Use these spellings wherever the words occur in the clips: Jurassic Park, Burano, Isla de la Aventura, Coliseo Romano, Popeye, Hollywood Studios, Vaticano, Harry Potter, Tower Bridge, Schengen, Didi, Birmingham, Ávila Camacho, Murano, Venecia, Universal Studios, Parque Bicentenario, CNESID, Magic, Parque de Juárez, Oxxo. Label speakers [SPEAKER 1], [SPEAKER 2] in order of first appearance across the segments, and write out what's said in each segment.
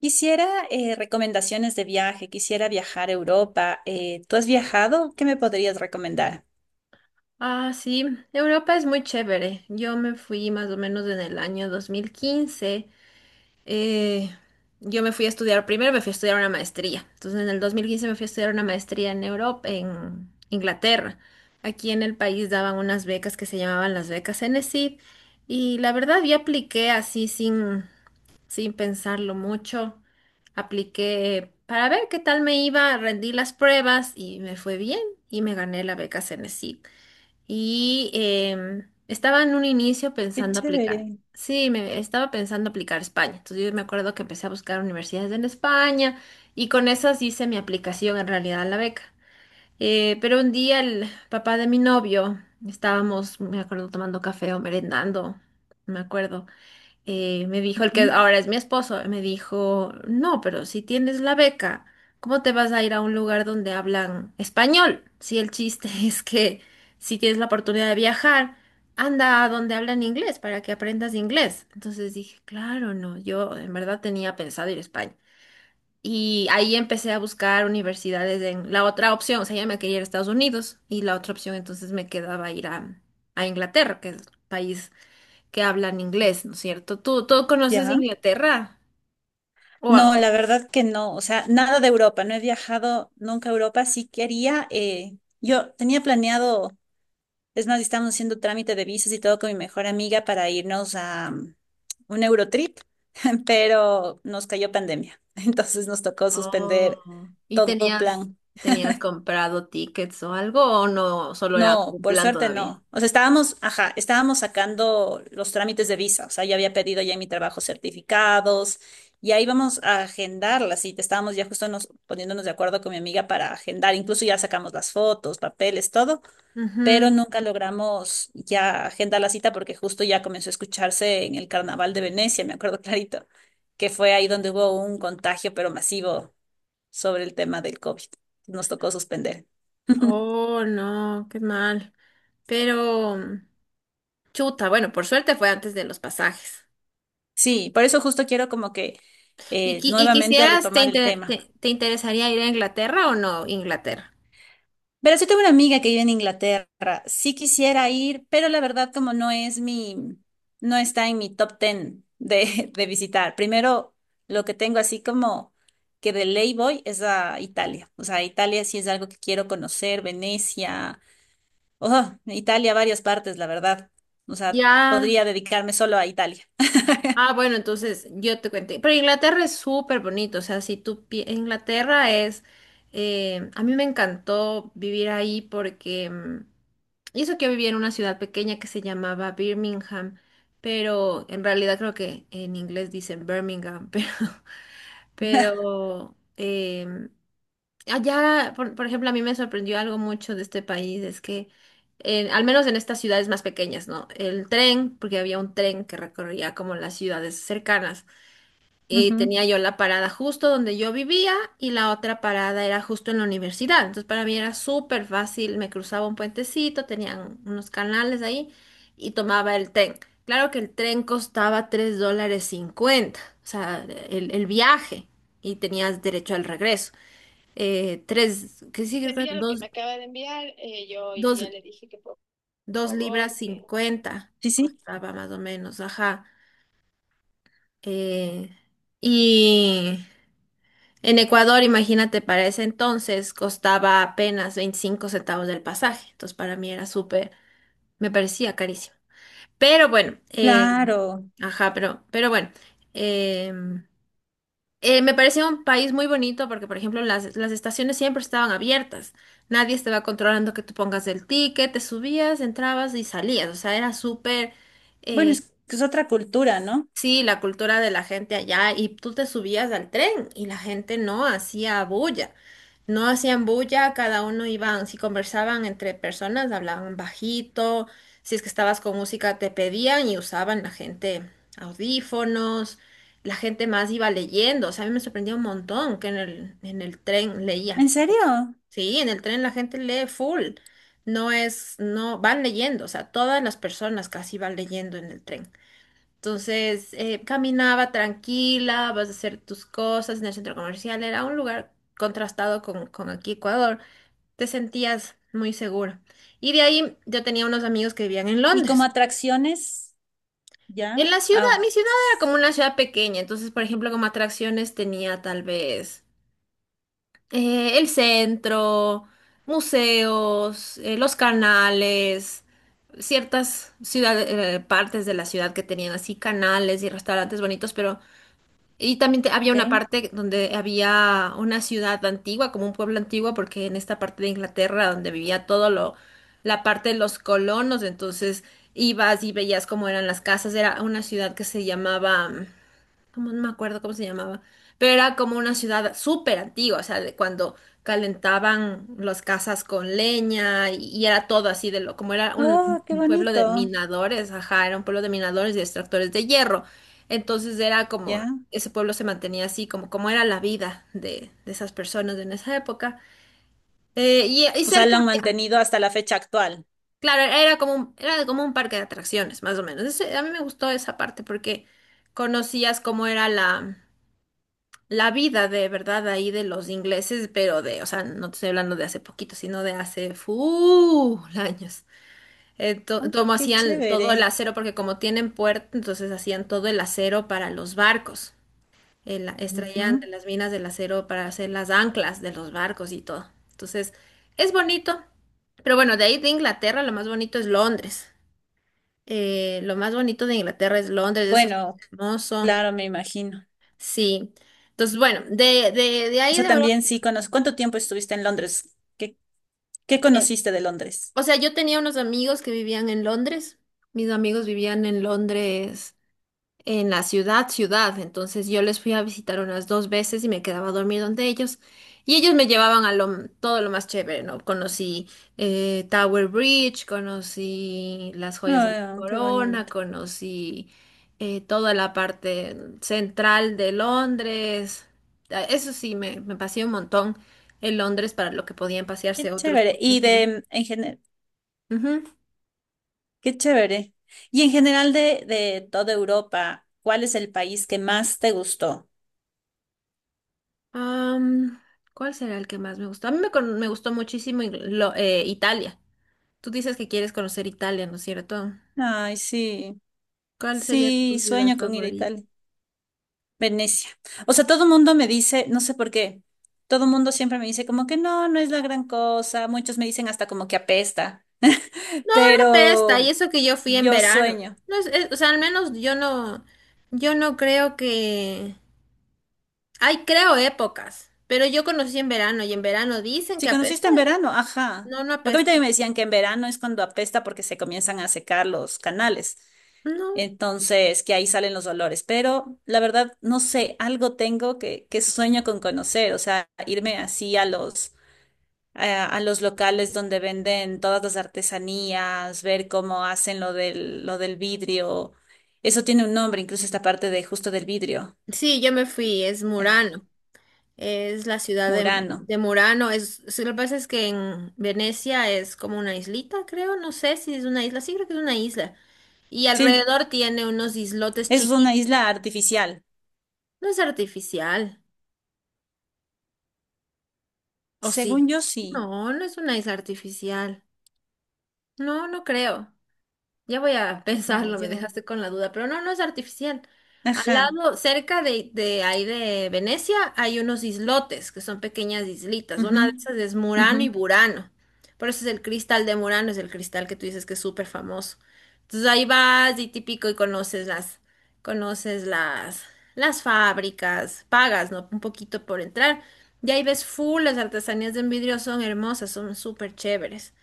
[SPEAKER 1] Quisiera recomendaciones de viaje, quisiera viajar a Europa. ¿Tú has viajado? ¿Qué me podrías recomendar?
[SPEAKER 2] Ah, sí, Europa es muy chévere. Yo me fui más o menos en el año 2015. eh, yo me fui a estudiar, primero me fui a estudiar una maestría. Entonces en el 2015 me fui a estudiar una maestría en Europa, en Inglaterra. Aquí en el país daban unas becas que se llamaban las becas enesid y la verdad yo apliqué así sin pensarlo mucho. Apliqué para ver qué tal me iba, rendí las pruebas y me fue bien y me gané la beca CNESID y estaba en un inicio
[SPEAKER 1] Qué
[SPEAKER 2] pensando aplicar.
[SPEAKER 1] chévere.
[SPEAKER 2] Sí, me estaba pensando aplicar a España. Entonces yo me acuerdo que empecé a buscar universidades en España y con esas hice mi aplicación en realidad a la beca. Pero un día el papá de mi novio, estábamos, me acuerdo, tomando café o merendando, me acuerdo me dijo el que
[SPEAKER 1] Ujú.
[SPEAKER 2] ahora es mi esposo, me dijo, no, pero si tienes la beca, ¿cómo te vas a ir a un lugar donde hablan español? Si el chiste es que si tienes la oportunidad de viajar, anda a donde hablan inglés para que aprendas inglés. Entonces dije, claro, no, yo en verdad tenía pensado ir a España. Y ahí empecé a buscar universidades en la otra opción, o sea, ya me quería ir a Estados Unidos y la otra opción entonces me quedaba ir a Inglaterra, que es país que hablan inglés, ¿no es cierto? ¿Tú conoces
[SPEAKER 1] ¿Ya?
[SPEAKER 2] Inglaterra?
[SPEAKER 1] No,
[SPEAKER 2] Wow.
[SPEAKER 1] la verdad que no. O sea, nada de Europa. No he viajado nunca a Europa. Sí quería. Yo tenía planeado, es más, estamos haciendo trámite de visas y todo con mi mejor amiga para irnos a un Eurotrip, pero nos cayó pandemia. Entonces nos tocó suspender
[SPEAKER 2] Oh. ¿Y
[SPEAKER 1] todo
[SPEAKER 2] tenías,
[SPEAKER 1] plan.
[SPEAKER 2] tenías comprado tickets o algo o no, solo era como
[SPEAKER 1] No,
[SPEAKER 2] un
[SPEAKER 1] por
[SPEAKER 2] plan
[SPEAKER 1] suerte
[SPEAKER 2] todavía?
[SPEAKER 1] no. O sea, estábamos, ajá, estábamos sacando los trámites de visa. O sea, ya había pedido ya en mi trabajo certificados y ahí vamos a agendar la cita. Estábamos ya justo nos, poniéndonos de acuerdo con mi amiga para agendar. Incluso ya sacamos las fotos, papeles, todo, pero
[SPEAKER 2] Ujú.
[SPEAKER 1] nunca logramos ya agendar la cita porque justo ya comenzó a escucharse en el Carnaval de Venecia, me acuerdo clarito, que fue ahí donde hubo un contagio, pero masivo sobre el tema del COVID. Nos tocó suspender.
[SPEAKER 2] Oh, no, qué mal. Pero, chuta, bueno, por suerte fue antes de los pasajes.
[SPEAKER 1] Sí, por eso justo quiero como que
[SPEAKER 2] ¿Y, y
[SPEAKER 1] nuevamente
[SPEAKER 2] quisieras, te,
[SPEAKER 1] retomar el
[SPEAKER 2] te
[SPEAKER 1] tema.
[SPEAKER 2] te interesaría ir a Inglaterra o no, Inglaterra?
[SPEAKER 1] Pero sí tengo una amiga que vive en Inglaterra. Sí quisiera ir, pero la verdad como no es mi, no está en mi top ten de, de visitar. Primero, lo que tengo así como que de ley voy es a Italia. O sea, Italia sí es algo que quiero conocer, Venecia, oh, Italia, varias partes, la verdad. O sea,
[SPEAKER 2] Ya.
[SPEAKER 1] podría dedicarme solo a Italia.
[SPEAKER 2] Ah, bueno, entonces yo te cuento. Pero Inglaterra es súper bonito, o sea, si tú... pi- Inglaterra es... a mí me encantó vivir ahí porque... y eso que yo vivía en una ciudad pequeña que se llamaba Birmingham, pero en realidad creo que en inglés dicen Birmingham, pero, pero em, allá, por ejemplo, a mí me sorprendió algo mucho de este país, es que al menos en estas ciudades más pequeñas, ¿no? El tren, porque había un tren que recorría como las ciudades cercanas,
[SPEAKER 1] Ujú.
[SPEAKER 2] tenía yo la parada justo donde yo vivía y la otra parada era justo en la universidad. Entonces para mí era súper fácil, me cruzaba un puentecito, tenían unos canales ahí y tomaba el tren. Claro que el tren costaba $3.50, o sea, el viaje, y tenías derecho al regreso. Tres, que sí, creo que
[SPEAKER 1] Envía lo que
[SPEAKER 2] dos,
[SPEAKER 1] me acaba de enviar. Yo
[SPEAKER 2] dos,
[SPEAKER 1] ya le dije que por
[SPEAKER 2] dos libras
[SPEAKER 1] favor, que...
[SPEAKER 2] 50
[SPEAKER 1] Sí, sí,
[SPEAKER 2] costaba más o menos, ajá. Eh, y en Ecuador, imagínate, para ese entonces costaba apenas 25 centavos del pasaje. Entonces, para mí era súper, me parecía carísimo. Pero bueno,
[SPEAKER 1] claro.
[SPEAKER 2] ajá, pero, bueno, eh, me parecía un país muy bonito porque, por ejemplo, las estaciones siempre estaban abiertas. Nadie estaba controlando que tú pongas el ticket, te subías, entrabas y salías. O sea, era súper,
[SPEAKER 1] Bueno,
[SPEAKER 2] eh,
[SPEAKER 1] es que es otra cultura, ¿no?
[SPEAKER 2] sí, la cultura de la gente allá, y tú te subías al tren y la gente no hacía bulla, no hacían bulla, cada uno iban, si conversaban entre personas, hablaban bajito, si es que estabas con música te pedían y usaban la gente audífonos, la gente más iba leyendo, o sea, a mí me sorprendía un montón que en el tren leía,
[SPEAKER 1] ¿En serio?
[SPEAKER 2] sí, en el tren la gente lee full, no es, no, van leyendo, o sea, todas las personas casi van leyendo en el tren. Entonces, caminaba tranquila, vas a hacer tus cosas en el centro comercial. Era un lugar contrastado con aquí Ecuador. Te sentías muy seguro. Y de ahí yo tenía unos amigos que vivían en
[SPEAKER 1] ¿Y como
[SPEAKER 2] Londres.
[SPEAKER 1] atracciones? Ya.
[SPEAKER 2] En la ciudad,
[SPEAKER 1] Ah,
[SPEAKER 2] mi ciudad era como una ciudad pequeña. Entonces, por ejemplo, como atracciones tenía tal vez el centro, museos, los canales, ciertas ciudades, partes de la ciudad que tenían así canales y restaurantes bonitos, pero y también había
[SPEAKER 1] ok.
[SPEAKER 2] una parte donde había una ciudad antigua, como un pueblo antiguo, porque en esta parte de Inglaterra donde vivía todo lo, la parte de los colonos, entonces ibas y veías cómo eran las casas. Era una ciudad que se llamaba, como no me acuerdo cómo se llamaba, pero era como una ciudad súper antigua, o sea, de cuando calentaban las casas con leña, y era todo así de lo, como era un,
[SPEAKER 1] Oh, qué
[SPEAKER 2] un pueblo de
[SPEAKER 1] bonito.
[SPEAKER 2] minadores, ajá, era un pueblo de minadores y extractores de hierro. Entonces era como,
[SPEAKER 1] Ya.
[SPEAKER 2] ese pueblo se mantenía así, como era la vida de esas personas en esa época. Y
[SPEAKER 1] O sea,
[SPEAKER 2] cerca
[SPEAKER 1] lo han
[SPEAKER 2] había,
[SPEAKER 1] mantenido hasta la fecha actual.
[SPEAKER 2] claro, era como un parque de atracciones, más o menos. A mí me gustó esa parte porque conocías cómo era la vida de verdad ahí de los ingleses, pero de, o sea, no te estoy hablando de hace poquito, sino de hace full años.
[SPEAKER 1] Ah,
[SPEAKER 2] Como
[SPEAKER 1] qué
[SPEAKER 2] hacían todo el
[SPEAKER 1] chévere.
[SPEAKER 2] acero, porque como tienen puerto, entonces hacían todo el acero para los barcos. Extraían de
[SPEAKER 1] Ujú.
[SPEAKER 2] las minas del acero para hacer las anclas de los barcos y todo. Entonces, es bonito. Pero bueno, de ahí de Inglaterra lo más bonito es Londres. Lo más bonito de Inglaterra es Londres, eso es
[SPEAKER 1] Bueno,
[SPEAKER 2] hermoso.
[SPEAKER 1] claro, me imagino.
[SPEAKER 2] Sí. Entonces, bueno, de
[SPEAKER 1] O
[SPEAKER 2] ahí
[SPEAKER 1] sea,
[SPEAKER 2] de Europa.
[SPEAKER 1] también sí conozco. ¿Cuánto tiempo estuviste en Londres? ¿Qué conociste de Londres?
[SPEAKER 2] O sea, yo tenía unos amigos que vivían en Londres. Mis amigos vivían en Londres, en la ciudad, ciudad. Entonces yo les fui a visitar unas dos veces y me quedaba a dormir donde ellos. Y ellos me llevaban a lo, todo lo más chévere, ¿no? Conocí Tower Bridge, conocí las joyas de la
[SPEAKER 1] Ah, qué
[SPEAKER 2] corona,
[SPEAKER 1] bonito.
[SPEAKER 2] conocí toda la parte central de Londres. Ah, eso sí, me paseé un montón en Londres para lo que podían
[SPEAKER 1] Qué
[SPEAKER 2] pasearse otros
[SPEAKER 1] chévere. ¿Y
[SPEAKER 2] compañeros.
[SPEAKER 1] en general?
[SPEAKER 2] Ujú.
[SPEAKER 1] Qué chévere. Y en general de toda Europa, ¿cuál es el país que más te gustó?
[SPEAKER 2] Am, ¿Cuál será el que más me gustó? A mí me gustó muchísimo Italia. Tú dices que quieres conocer Italia, ¿no es cierto?
[SPEAKER 1] Ay, sí,
[SPEAKER 2] ¿Cuál sería tu
[SPEAKER 1] sí,
[SPEAKER 2] ciudad
[SPEAKER 1] sueño con ir a
[SPEAKER 2] favorita?
[SPEAKER 1] Italia. Venecia. O sea, todo el mundo me dice, no sé por qué, todo el mundo siempre me dice como que no, no es la gran cosa. Muchos me dicen hasta como que apesta.
[SPEAKER 2] Pesta, y
[SPEAKER 1] Pero
[SPEAKER 2] eso que yo fui en
[SPEAKER 1] yo
[SPEAKER 2] verano.
[SPEAKER 1] sueño.
[SPEAKER 2] No es- es- O sea, al menos yo no, yo no creo que... Ay, creo épocas, pero yo conocí en verano y en verano dicen
[SPEAKER 1] Si
[SPEAKER 2] que apesta.
[SPEAKER 1] conociste en verano, ajá.
[SPEAKER 2] No, no
[SPEAKER 1] Porque a mí
[SPEAKER 2] apesta.
[SPEAKER 1] también me decían que en verano es cuando apesta porque se comienzan a secar los canales.
[SPEAKER 2] No.
[SPEAKER 1] Entonces, que ahí salen los olores. Pero la verdad, no sé, algo tengo que sueño con conocer, o sea, irme así a los, a los locales donde venden todas las artesanías, ver cómo hacen lo del vidrio. Eso tiene un nombre, incluso esta parte de justo del vidrio.
[SPEAKER 2] Sí, yo me fui, es
[SPEAKER 1] Ah,
[SPEAKER 2] Murano. Es la ciudad de,
[SPEAKER 1] Murano.
[SPEAKER 2] de Murano. Es, sí, lo que pasa es que en Venecia es como una islita, creo. No sé si es una isla. Sí, creo que es una isla. Y
[SPEAKER 1] Sí,
[SPEAKER 2] alrededor tiene unos islotes
[SPEAKER 1] es
[SPEAKER 2] chiquitos.
[SPEAKER 1] una isla artificial.
[SPEAKER 2] No es artificial. ¿O sí?
[SPEAKER 1] Según yo, sí.
[SPEAKER 2] No, no es una isla artificial. No, no creo. Ya voy a
[SPEAKER 1] Eh,
[SPEAKER 2] pensarlo, me
[SPEAKER 1] llevo.
[SPEAKER 2] dejaste con la duda, pero no, no es artificial. Al
[SPEAKER 1] Ajá.
[SPEAKER 2] lado, cerca de ahí de Venecia, hay unos islotes, que son pequeñas islitas.
[SPEAKER 1] Ujú,
[SPEAKER 2] Una de esas es
[SPEAKER 1] ujú,
[SPEAKER 2] Murano y Burano. Por eso es el cristal de Murano, es el cristal que tú dices que es súper famoso. Entonces ahí vas y típico y conoces las fábricas, pagas, ¿no? Un poquito por entrar. Y ahí ves full, las artesanías de vidrio son hermosas, son súper chéveres.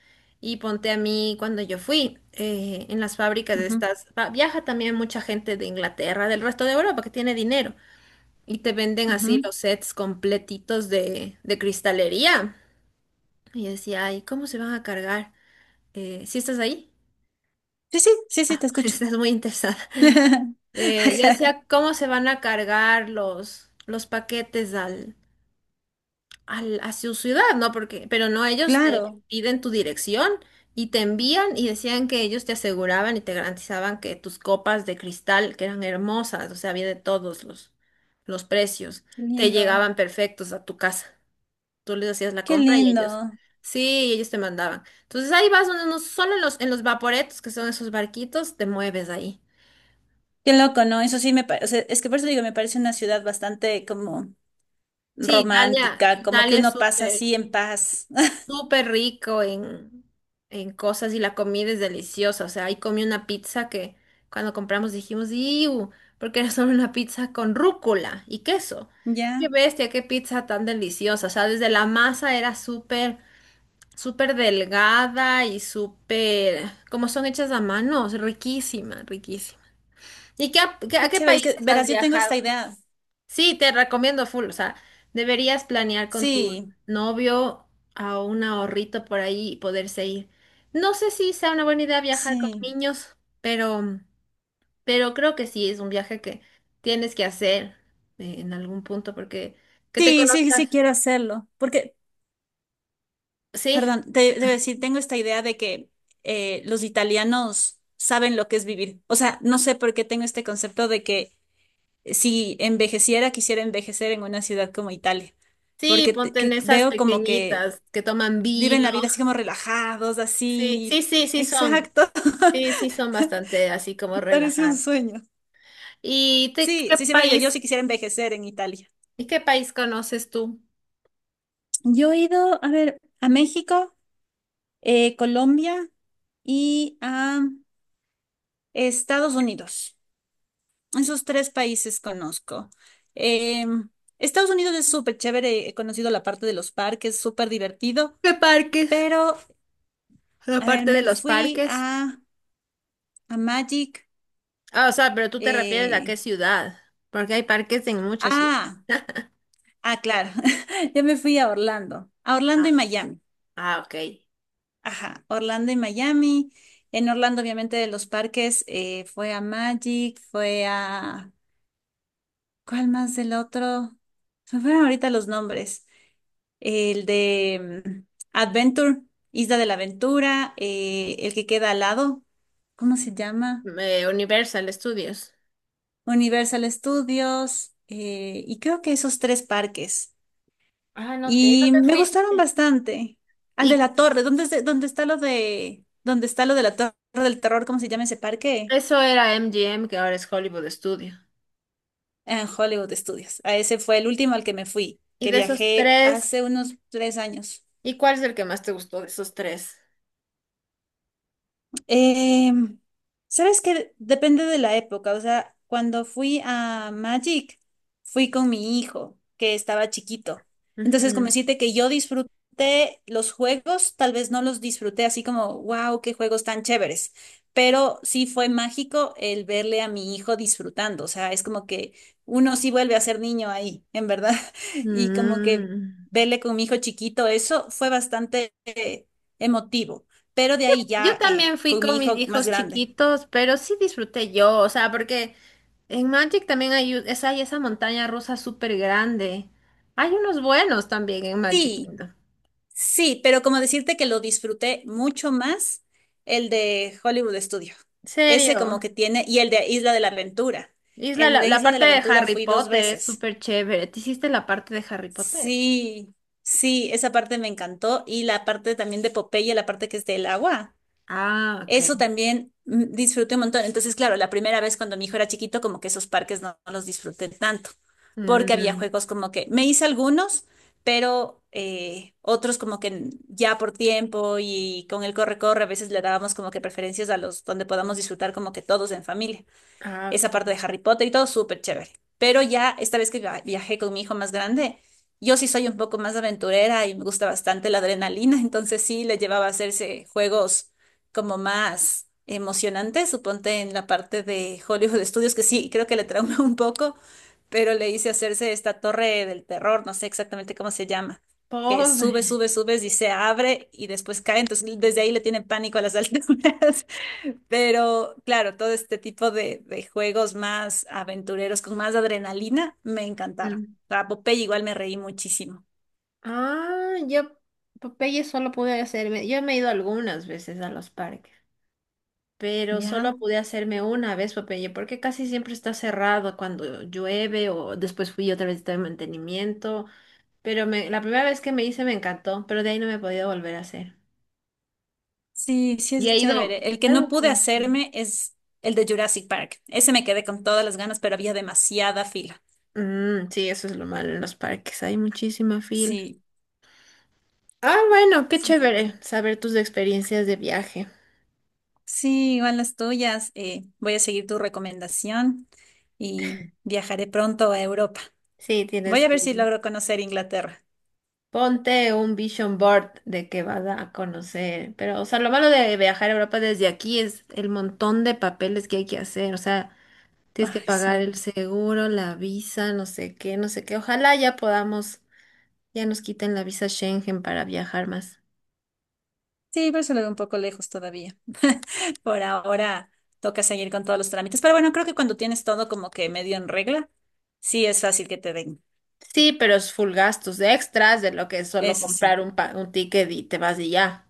[SPEAKER 2] Y ponte, a mí cuando yo fui en las fábricas de
[SPEAKER 1] ujú,
[SPEAKER 2] estas, viaja también mucha gente de Inglaterra, del resto de Europa que tiene dinero, y te venden así
[SPEAKER 1] ujú.
[SPEAKER 2] los sets completitos de cristalería. Y yo decía, ay, ¿cómo se van a cargar? ¿Sí estás ahí?
[SPEAKER 1] Sí, sí, sí, sí, te escucho.
[SPEAKER 2] Estás muy interesada. Yo
[SPEAKER 1] Ajá.
[SPEAKER 2] decía, ¿cómo se van a cargar los paquetes al a su ciudad, ¿no? Porque, pero no, ellos te
[SPEAKER 1] Claro,
[SPEAKER 2] piden tu dirección y te envían, y decían que ellos te aseguraban y te garantizaban que tus copas de cristal, que eran hermosas, o sea, había de todos los precios,
[SPEAKER 1] qué
[SPEAKER 2] te
[SPEAKER 1] lindo,
[SPEAKER 2] llegaban perfectos a tu casa. Tú les hacías la
[SPEAKER 1] qué
[SPEAKER 2] compra y
[SPEAKER 1] lindo,
[SPEAKER 2] ellos, sí, ellos te mandaban. Entonces ahí vas, uno, no, solo en los vaporetos, que son esos barquitos, te mueves ahí.
[SPEAKER 1] qué loco, ¿no? Eso sí me parece, es que por eso digo, me parece una ciudad bastante como
[SPEAKER 2] Sí, Italia,
[SPEAKER 1] romántica, como que
[SPEAKER 2] Italia es
[SPEAKER 1] uno pasa así
[SPEAKER 2] súper,
[SPEAKER 1] en paz.
[SPEAKER 2] súper rico en cosas, y la comida es deliciosa. O sea, ahí comí una pizza que cuando compramos dijimos, ¡iu! Porque era solo una pizza con rúcula y queso. ¡Qué
[SPEAKER 1] Ya,
[SPEAKER 2] bestia! ¡Qué pizza tan deliciosa! O sea, desde la masa era súper, súper delgada y súper, como son hechas a mano, riquísima, riquísima. ¿Y qué, a qué a
[SPEAKER 1] qué
[SPEAKER 2] qué
[SPEAKER 1] chévere, es
[SPEAKER 2] países
[SPEAKER 1] que
[SPEAKER 2] has
[SPEAKER 1] verás, yo tengo
[SPEAKER 2] viajado?
[SPEAKER 1] esta idea.
[SPEAKER 2] Sí, te recomiendo full, o sea, deberías planear con tu
[SPEAKER 1] Sí,
[SPEAKER 2] novio a un ahorrito por ahí y poderse ir. No sé si sea una buena idea viajar con
[SPEAKER 1] sí,
[SPEAKER 2] niños, pero, creo que sí es un viaje que tienes que hacer en algún punto porque que te
[SPEAKER 1] sí, sí, sí
[SPEAKER 2] conozcas.
[SPEAKER 1] quiero hacerlo, porque,
[SPEAKER 2] Sí,
[SPEAKER 1] perdón, te debo decir, tengo esta idea de que los italianos saben lo que es vivir. O sea, no sé por qué tengo este concepto de que si envejeciera, quisiera envejecer en una ciudad como Italia,
[SPEAKER 2] sí,
[SPEAKER 1] porque
[SPEAKER 2] ponte en
[SPEAKER 1] que
[SPEAKER 2] esas
[SPEAKER 1] veo como que
[SPEAKER 2] pequeñitas que toman
[SPEAKER 1] viven
[SPEAKER 2] vino.
[SPEAKER 1] la vida así como relajados,
[SPEAKER 2] Sí, sí,
[SPEAKER 1] así. Exacto.
[SPEAKER 2] sí, sí son bastante así como
[SPEAKER 1] Parece un
[SPEAKER 2] relajadas.
[SPEAKER 1] sueño. Sí,
[SPEAKER 2] Qué
[SPEAKER 1] sí, siempre digo, yo sí quisiera envejecer en Italia.
[SPEAKER 2] y qué país conoces tú?
[SPEAKER 1] Yo he ido, a ver, a México, Colombia y a Estados Unidos. Esos tres países conozco. Eh, Estados Unidos es súper chévere, he conocido la parte de los parques, súper divertido,
[SPEAKER 2] ¿Qué parques?
[SPEAKER 1] pero a ver,
[SPEAKER 2] Aparte de
[SPEAKER 1] me
[SPEAKER 2] los
[SPEAKER 1] fui
[SPEAKER 2] parques.
[SPEAKER 1] a Magic.
[SPEAKER 2] Ah, o sea, pero tú te refieres a
[SPEAKER 1] eh,
[SPEAKER 2] qué ciudad. Porque hay parques en muchas ciudades.
[SPEAKER 1] ah, ah, claro. Yo me fui a Orlando. A Orlando y
[SPEAKER 2] Ah,
[SPEAKER 1] Miami.
[SPEAKER 2] ok.
[SPEAKER 1] Ajá, Orlando y Miami. En Orlando, obviamente, de los parques, fue a Magic, fue a... ¿Cuál más del otro? Se me fueron ahorita los nombres. El de Adventure, Isla de la Aventura, el que queda al lado. ¿Cómo se llama?
[SPEAKER 2] Universal Studios.
[SPEAKER 1] Universal Studios y creo que esos tres parques.
[SPEAKER 2] Ah, no
[SPEAKER 1] Y
[SPEAKER 2] te
[SPEAKER 1] me gustaron
[SPEAKER 2] fuiste.
[SPEAKER 1] bastante. Al de
[SPEAKER 2] Y
[SPEAKER 1] la Torre, ¿dónde, es de- dónde está lo de, dónde está lo de la Torre del Terror? ¿Cómo se llama ese parque?
[SPEAKER 2] eso era MGM, que ahora es Hollywood Studio.
[SPEAKER 1] En Hollywood Studios. A ese fue el último al que me fui,
[SPEAKER 2] Y
[SPEAKER 1] que
[SPEAKER 2] de esos
[SPEAKER 1] viajé hace
[SPEAKER 2] tres,
[SPEAKER 1] unos 3 años.
[SPEAKER 2] ¿y cuál es el que más te gustó de esos tres?
[SPEAKER 1] Eh, ¿sabes qué? Depende de la época. O sea, cuando fui a Magic, fui con mi hijo, que estaba chiquito. Entonces, como
[SPEAKER 2] Ujú.
[SPEAKER 1] decirte que yo disfruté los juegos, tal vez no los disfruté así como, wow, qué juegos tan chéveres. Pero sí fue mágico el verle a mi hijo disfrutando. O sea, es como que uno sí vuelve a ser niño ahí, en verdad. Y como que
[SPEAKER 2] Mm.
[SPEAKER 1] verle con mi hijo chiquito, eso fue bastante emotivo, pero de ahí
[SPEAKER 2] Yo
[SPEAKER 1] ya
[SPEAKER 2] también fui
[SPEAKER 1] con
[SPEAKER 2] con
[SPEAKER 1] mi
[SPEAKER 2] mis
[SPEAKER 1] hijo más
[SPEAKER 2] hijos
[SPEAKER 1] grande.
[SPEAKER 2] chiquitos, pero sí disfruté yo, o sea, porque en Magic también hay esa montaña rusa súper grande. Hay unos buenos también en Magic
[SPEAKER 1] Sí,
[SPEAKER 2] Kingdom.
[SPEAKER 1] sí, pero como decirte que lo disfruté mucho más el de Hollywood Studio.
[SPEAKER 2] ¿En
[SPEAKER 1] Ese como
[SPEAKER 2] serio?
[SPEAKER 1] que tiene, y el de Isla de la Aventura. El
[SPEAKER 2] La,
[SPEAKER 1] de
[SPEAKER 2] la
[SPEAKER 1] Isla de la
[SPEAKER 2] parte de
[SPEAKER 1] Aventura
[SPEAKER 2] Harry
[SPEAKER 1] fui dos
[SPEAKER 2] Potter es
[SPEAKER 1] veces.
[SPEAKER 2] súper chévere. ¿Te hiciste la parte de Harry Potter?
[SPEAKER 1] Sí, sí, esa parte me encantó. Y la parte también de Popeye, la parte que es del agua.
[SPEAKER 2] Ah,
[SPEAKER 1] Eso
[SPEAKER 2] ok.
[SPEAKER 1] también disfruté un montón. Entonces, claro, la primera vez cuando mi hijo era chiquito, como que esos parques no, no los disfruté tanto, porque había
[SPEAKER 2] Mm,
[SPEAKER 1] juegos como que me hice algunos, pero otros como que ya por tiempo y con el corre-corre, a veces le dábamos como que preferencias a los donde podamos disfrutar como que todos en familia,
[SPEAKER 2] ah,
[SPEAKER 1] esa parte de
[SPEAKER 2] ok.
[SPEAKER 1] Harry Potter y todo súper chévere. Pero ya esta vez que viajé con mi hijo más grande, yo sí soy un poco más aventurera y me gusta bastante la adrenalina, entonces sí le llevaba a hacerse juegos como más emocionantes, suponte en la parte de Hollywood Studios, que sí, creo que le trauma un poco, pero le hice hacerse esta torre del terror, no sé exactamente cómo se llama, que
[SPEAKER 2] Pobre.
[SPEAKER 1] sube, sube, subes y se abre y después cae. Entonces, desde ahí le tiene pánico a las alturas. Pero claro, todo este tipo de juegos más aventureros, con más adrenalina, me encantaron.
[SPEAKER 2] Mm.
[SPEAKER 1] Para Popeye igual me reí muchísimo.
[SPEAKER 2] Ah, yo Popeye solo pude hacerme, yo me he ido algunas veces a los parques. Pero
[SPEAKER 1] ¿Ya?
[SPEAKER 2] solo pude hacerme una vez, Popeye, porque casi siempre está cerrado cuando llueve o después fui otra vez de mantenimiento, pero la primera vez que me hice me encantó, pero de ahí no me he podido volver a hacer.
[SPEAKER 1] Sí, sí
[SPEAKER 2] Y ha
[SPEAKER 1] es
[SPEAKER 2] ido,
[SPEAKER 1] chévere. El que no
[SPEAKER 2] claro que
[SPEAKER 1] pude
[SPEAKER 2] no. Es bien.
[SPEAKER 1] hacerme es el de Jurassic Park. Ese me quedé con todas las ganas, pero había demasiada fila.
[SPEAKER 2] Mm, sí, eso es lo malo en los parques, hay muchísima fila.
[SPEAKER 1] Sí,
[SPEAKER 2] Ah, bueno, qué
[SPEAKER 1] sí.
[SPEAKER 2] chévere saber tus experiencias de viaje.
[SPEAKER 1] Sí, igual las tuyas. Voy a seguir tu recomendación y viajaré pronto a Europa.
[SPEAKER 2] Sí,
[SPEAKER 1] Voy
[SPEAKER 2] tienes
[SPEAKER 1] a
[SPEAKER 2] que
[SPEAKER 1] ver si
[SPEAKER 2] ir.
[SPEAKER 1] logro conocer Inglaterra.
[SPEAKER 2] Ponte un vision board de que vas a conocer, pero, o sea, lo malo de viajar a Europa desde aquí es el montón de papeles que hay que hacer, o sea, tienes que
[SPEAKER 1] Ay,
[SPEAKER 2] pagar el
[SPEAKER 1] sí.
[SPEAKER 2] seguro, la visa, no sé qué, no sé qué. Ojalá ya podamos, ya nos quiten la visa Schengen para viajar más.
[SPEAKER 1] Sí, pero se lo veo un poco lejos todavía. Por ahora toca seguir con todos los trámites. Pero bueno, creo que cuando tienes todo como que medio en regla, sí es fácil que te den.
[SPEAKER 2] Sí, pero es full gastos de extras de lo que es solo
[SPEAKER 1] Eso sí.
[SPEAKER 2] comprar un ticket y te vas y ya.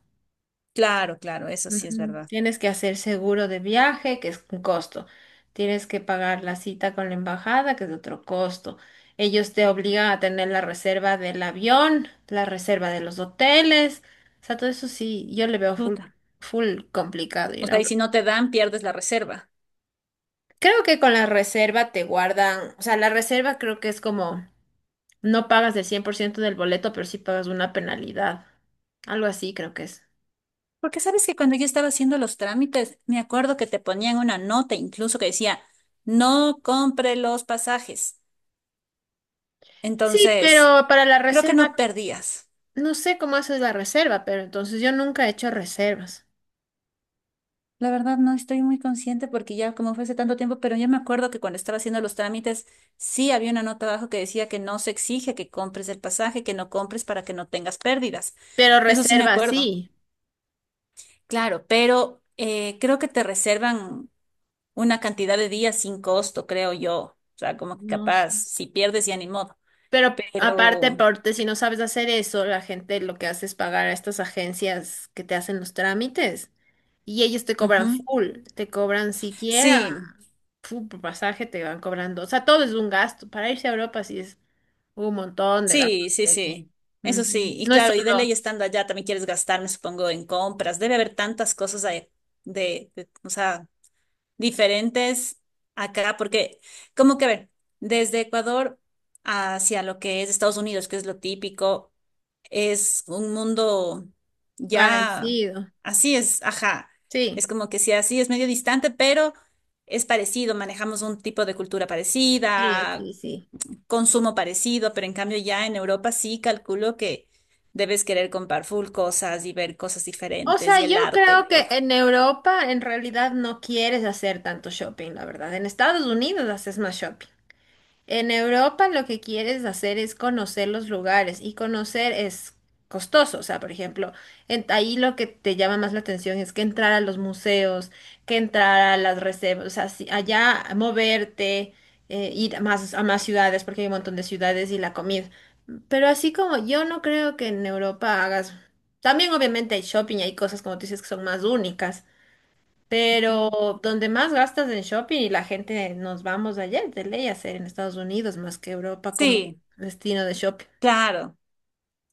[SPEAKER 1] Claro, claro, eso sí es
[SPEAKER 2] Ujú.
[SPEAKER 1] verdad.
[SPEAKER 2] Tienes que hacer seguro de viaje, que es un costo. Tienes que pagar la cita con la embajada, que es otro costo. Ellos te obligan a tener la reserva del avión, la reserva de los hoteles. O sea, todo eso sí, yo le veo
[SPEAKER 1] Chuta.
[SPEAKER 2] full complicado
[SPEAKER 1] O
[SPEAKER 2] ir a
[SPEAKER 1] sea, y si
[SPEAKER 2] Europa.
[SPEAKER 1] no te dan, pierdes la reserva.
[SPEAKER 2] Creo que con la reserva te guardan, o sea, la reserva creo que es como, no pagas el 100% del boleto, pero sí pagas una penalidad. Algo así creo que es.
[SPEAKER 1] Porque sabes que cuando yo estaba haciendo los trámites, me acuerdo que te ponían una nota incluso que decía, no compre los pasajes.
[SPEAKER 2] Sí,
[SPEAKER 1] Entonces,
[SPEAKER 2] pero para la
[SPEAKER 1] creo que
[SPEAKER 2] reserva.
[SPEAKER 1] no perdías.
[SPEAKER 2] No sé cómo haces la reserva, pero entonces yo nunca he hecho reservas.
[SPEAKER 1] La verdad no estoy muy consciente porque ya como fue hace tanto tiempo, pero yo me acuerdo que cuando estaba haciendo los trámites sí había una nota abajo que decía que no se exige que compres el pasaje, que no compres para que no tengas pérdidas.
[SPEAKER 2] Pero
[SPEAKER 1] Eso sí me
[SPEAKER 2] reserva
[SPEAKER 1] acuerdo.
[SPEAKER 2] sí.
[SPEAKER 1] Claro, pero creo que te reservan una cantidad de días sin costo, creo yo. O sea, como que
[SPEAKER 2] No
[SPEAKER 1] capaz,
[SPEAKER 2] sé.
[SPEAKER 1] si pierdes ya ni modo.
[SPEAKER 2] Pero
[SPEAKER 1] Pero,
[SPEAKER 2] aparte, si no sabes hacer eso, la gente lo que hace es pagar a estas agencias que te hacen los trámites. Y ellos te cobran
[SPEAKER 1] ujú.
[SPEAKER 2] full, te cobran siquiera
[SPEAKER 1] Sí,
[SPEAKER 2] full por pasaje, te van cobrando. O sea, todo es un gasto. Para irse a Europa sí es un montón de gastos
[SPEAKER 1] sí, sí,
[SPEAKER 2] de aquí.
[SPEAKER 1] sí. Eso sí.
[SPEAKER 2] Ujú.
[SPEAKER 1] Y
[SPEAKER 2] No es
[SPEAKER 1] claro, y de
[SPEAKER 2] solo
[SPEAKER 1] ley estando allá también quieres gastar, me supongo, en compras. Debe haber tantas cosas ahí o sea, diferentes acá, porque, como que, a ver, desde Ecuador hacia lo que es Estados Unidos, que es lo típico, es un mundo ya,
[SPEAKER 2] parecido.
[SPEAKER 1] así es, ajá.
[SPEAKER 2] Sí,
[SPEAKER 1] Es como que sí, así es medio distante, pero es parecido, manejamos un tipo de cultura
[SPEAKER 2] sí,
[SPEAKER 1] parecida,
[SPEAKER 2] sí, sí.
[SPEAKER 1] consumo parecido, pero en cambio ya en Europa sí calculo que debes querer comprar full cosas y ver cosas
[SPEAKER 2] O
[SPEAKER 1] diferentes
[SPEAKER 2] sea,
[SPEAKER 1] y
[SPEAKER 2] yo
[SPEAKER 1] el arte y
[SPEAKER 2] creo que
[SPEAKER 1] todo.
[SPEAKER 2] en Europa en realidad no quieres hacer tanto shopping, la verdad. En Estados Unidos haces más shopping. En Europa lo que quieres hacer es conocer los lugares y conocer es costoso. O sea, por ejemplo, ahí lo que te llama más la atención es que entrar a los museos, que entrar a las reservas, o sea, allá moverte, ir a a más ciudades porque hay un montón de ciudades y la comida. Pero así como yo no creo que en Europa hagas. También obviamente hay shopping y hay cosas como tú dices que son más únicas.
[SPEAKER 1] Ujú.
[SPEAKER 2] Pero donde más gastas en shopping y la gente nos vamos allá, de ley a hacer en Estados Unidos más que Europa como
[SPEAKER 1] Sí,
[SPEAKER 2] destino de shopping.
[SPEAKER 1] claro.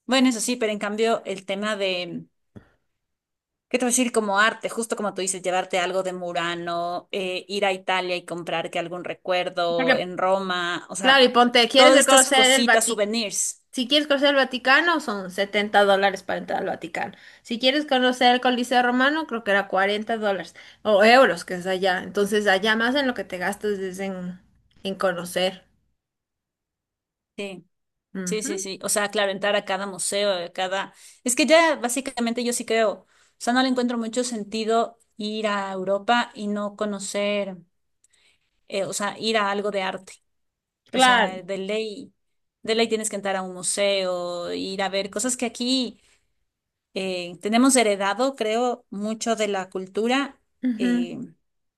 [SPEAKER 1] Bueno, eso sí, pero en cambio el tema de, ¿qué te voy a decir? Como arte, justo como tú dices, llevarte algo de Murano, ir a Italia y comprar que algún recuerdo
[SPEAKER 2] Porque,
[SPEAKER 1] en Roma, o
[SPEAKER 2] claro,
[SPEAKER 1] sea,
[SPEAKER 2] y ponte, ¿quieres
[SPEAKER 1] todas
[SPEAKER 2] el
[SPEAKER 1] estas
[SPEAKER 2] conocer el
[SPEAKER 1] cositas,
[SPEAKER 2] Vaticano?
[SPEAKER 1] souvenirs.
[SPEAKER 2] Si quieres conocer el Vaticano, son $70 para entrar al Vaticano. Si quieres conocer el Coliseo Romano, creo que era $40 o euros, que es allá. Entonces, allá más en lo que te gastas es en conocer.
[SPEAKER 1] Sí. Sí, sí,
[SPEAKER 2] Ujú.
[SPEAKER 1] sí. O sea, claro, entrar a cada museo, a cada... Es que ya básicamente yo sí creo, o sea, no le encuentro mucho sentido ir a Europa y no conocer, o sea, ir a algo de arte. O
[SPEAKER 2] Claro.
[SPEAKER 1] sea, de ley tienes que entrar a un museo, ir a ver cosas que aquí tenemos heredado, creo, mucho de la cultura
[SPEAKER 2] Ujú.
[SPEAKER 1] eh,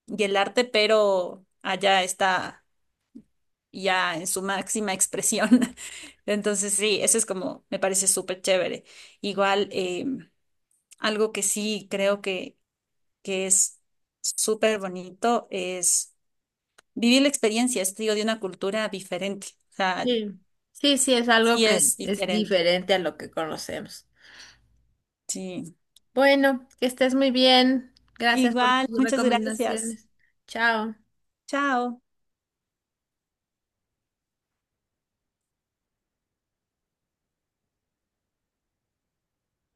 [SPEAKER 1] y el arte, pero allá está ya en su máxima expresión. Entonces, sí, eso es como, me parece súper chévere. Igual, algo que sí creo que es súper bonito es vivir la experiencia, es, digo, de una cultura diferente. O sea,
[SPEAKER 2] Sí. Sí, sí, es algo
[SPEAKER 1] sí
[SPEAKER 2] que
[SPEAKER 1] es
[SPEAKER 2] es
[SPEAKER 1] diferente.
[SPEAKER 2] diferente a lo que conocemos.
[SPEAKER 1] Sí.
[SPEAKER 2] Bueno, que estés muy bien. Gracias por
[SPEAKER 1] Igual,
[SPEAKER 2] tus
[SPEAKER 1] muchas gracias.
[SPEAKER 2] recomendaciones. Chao.
[SPEAKER 1] Chao.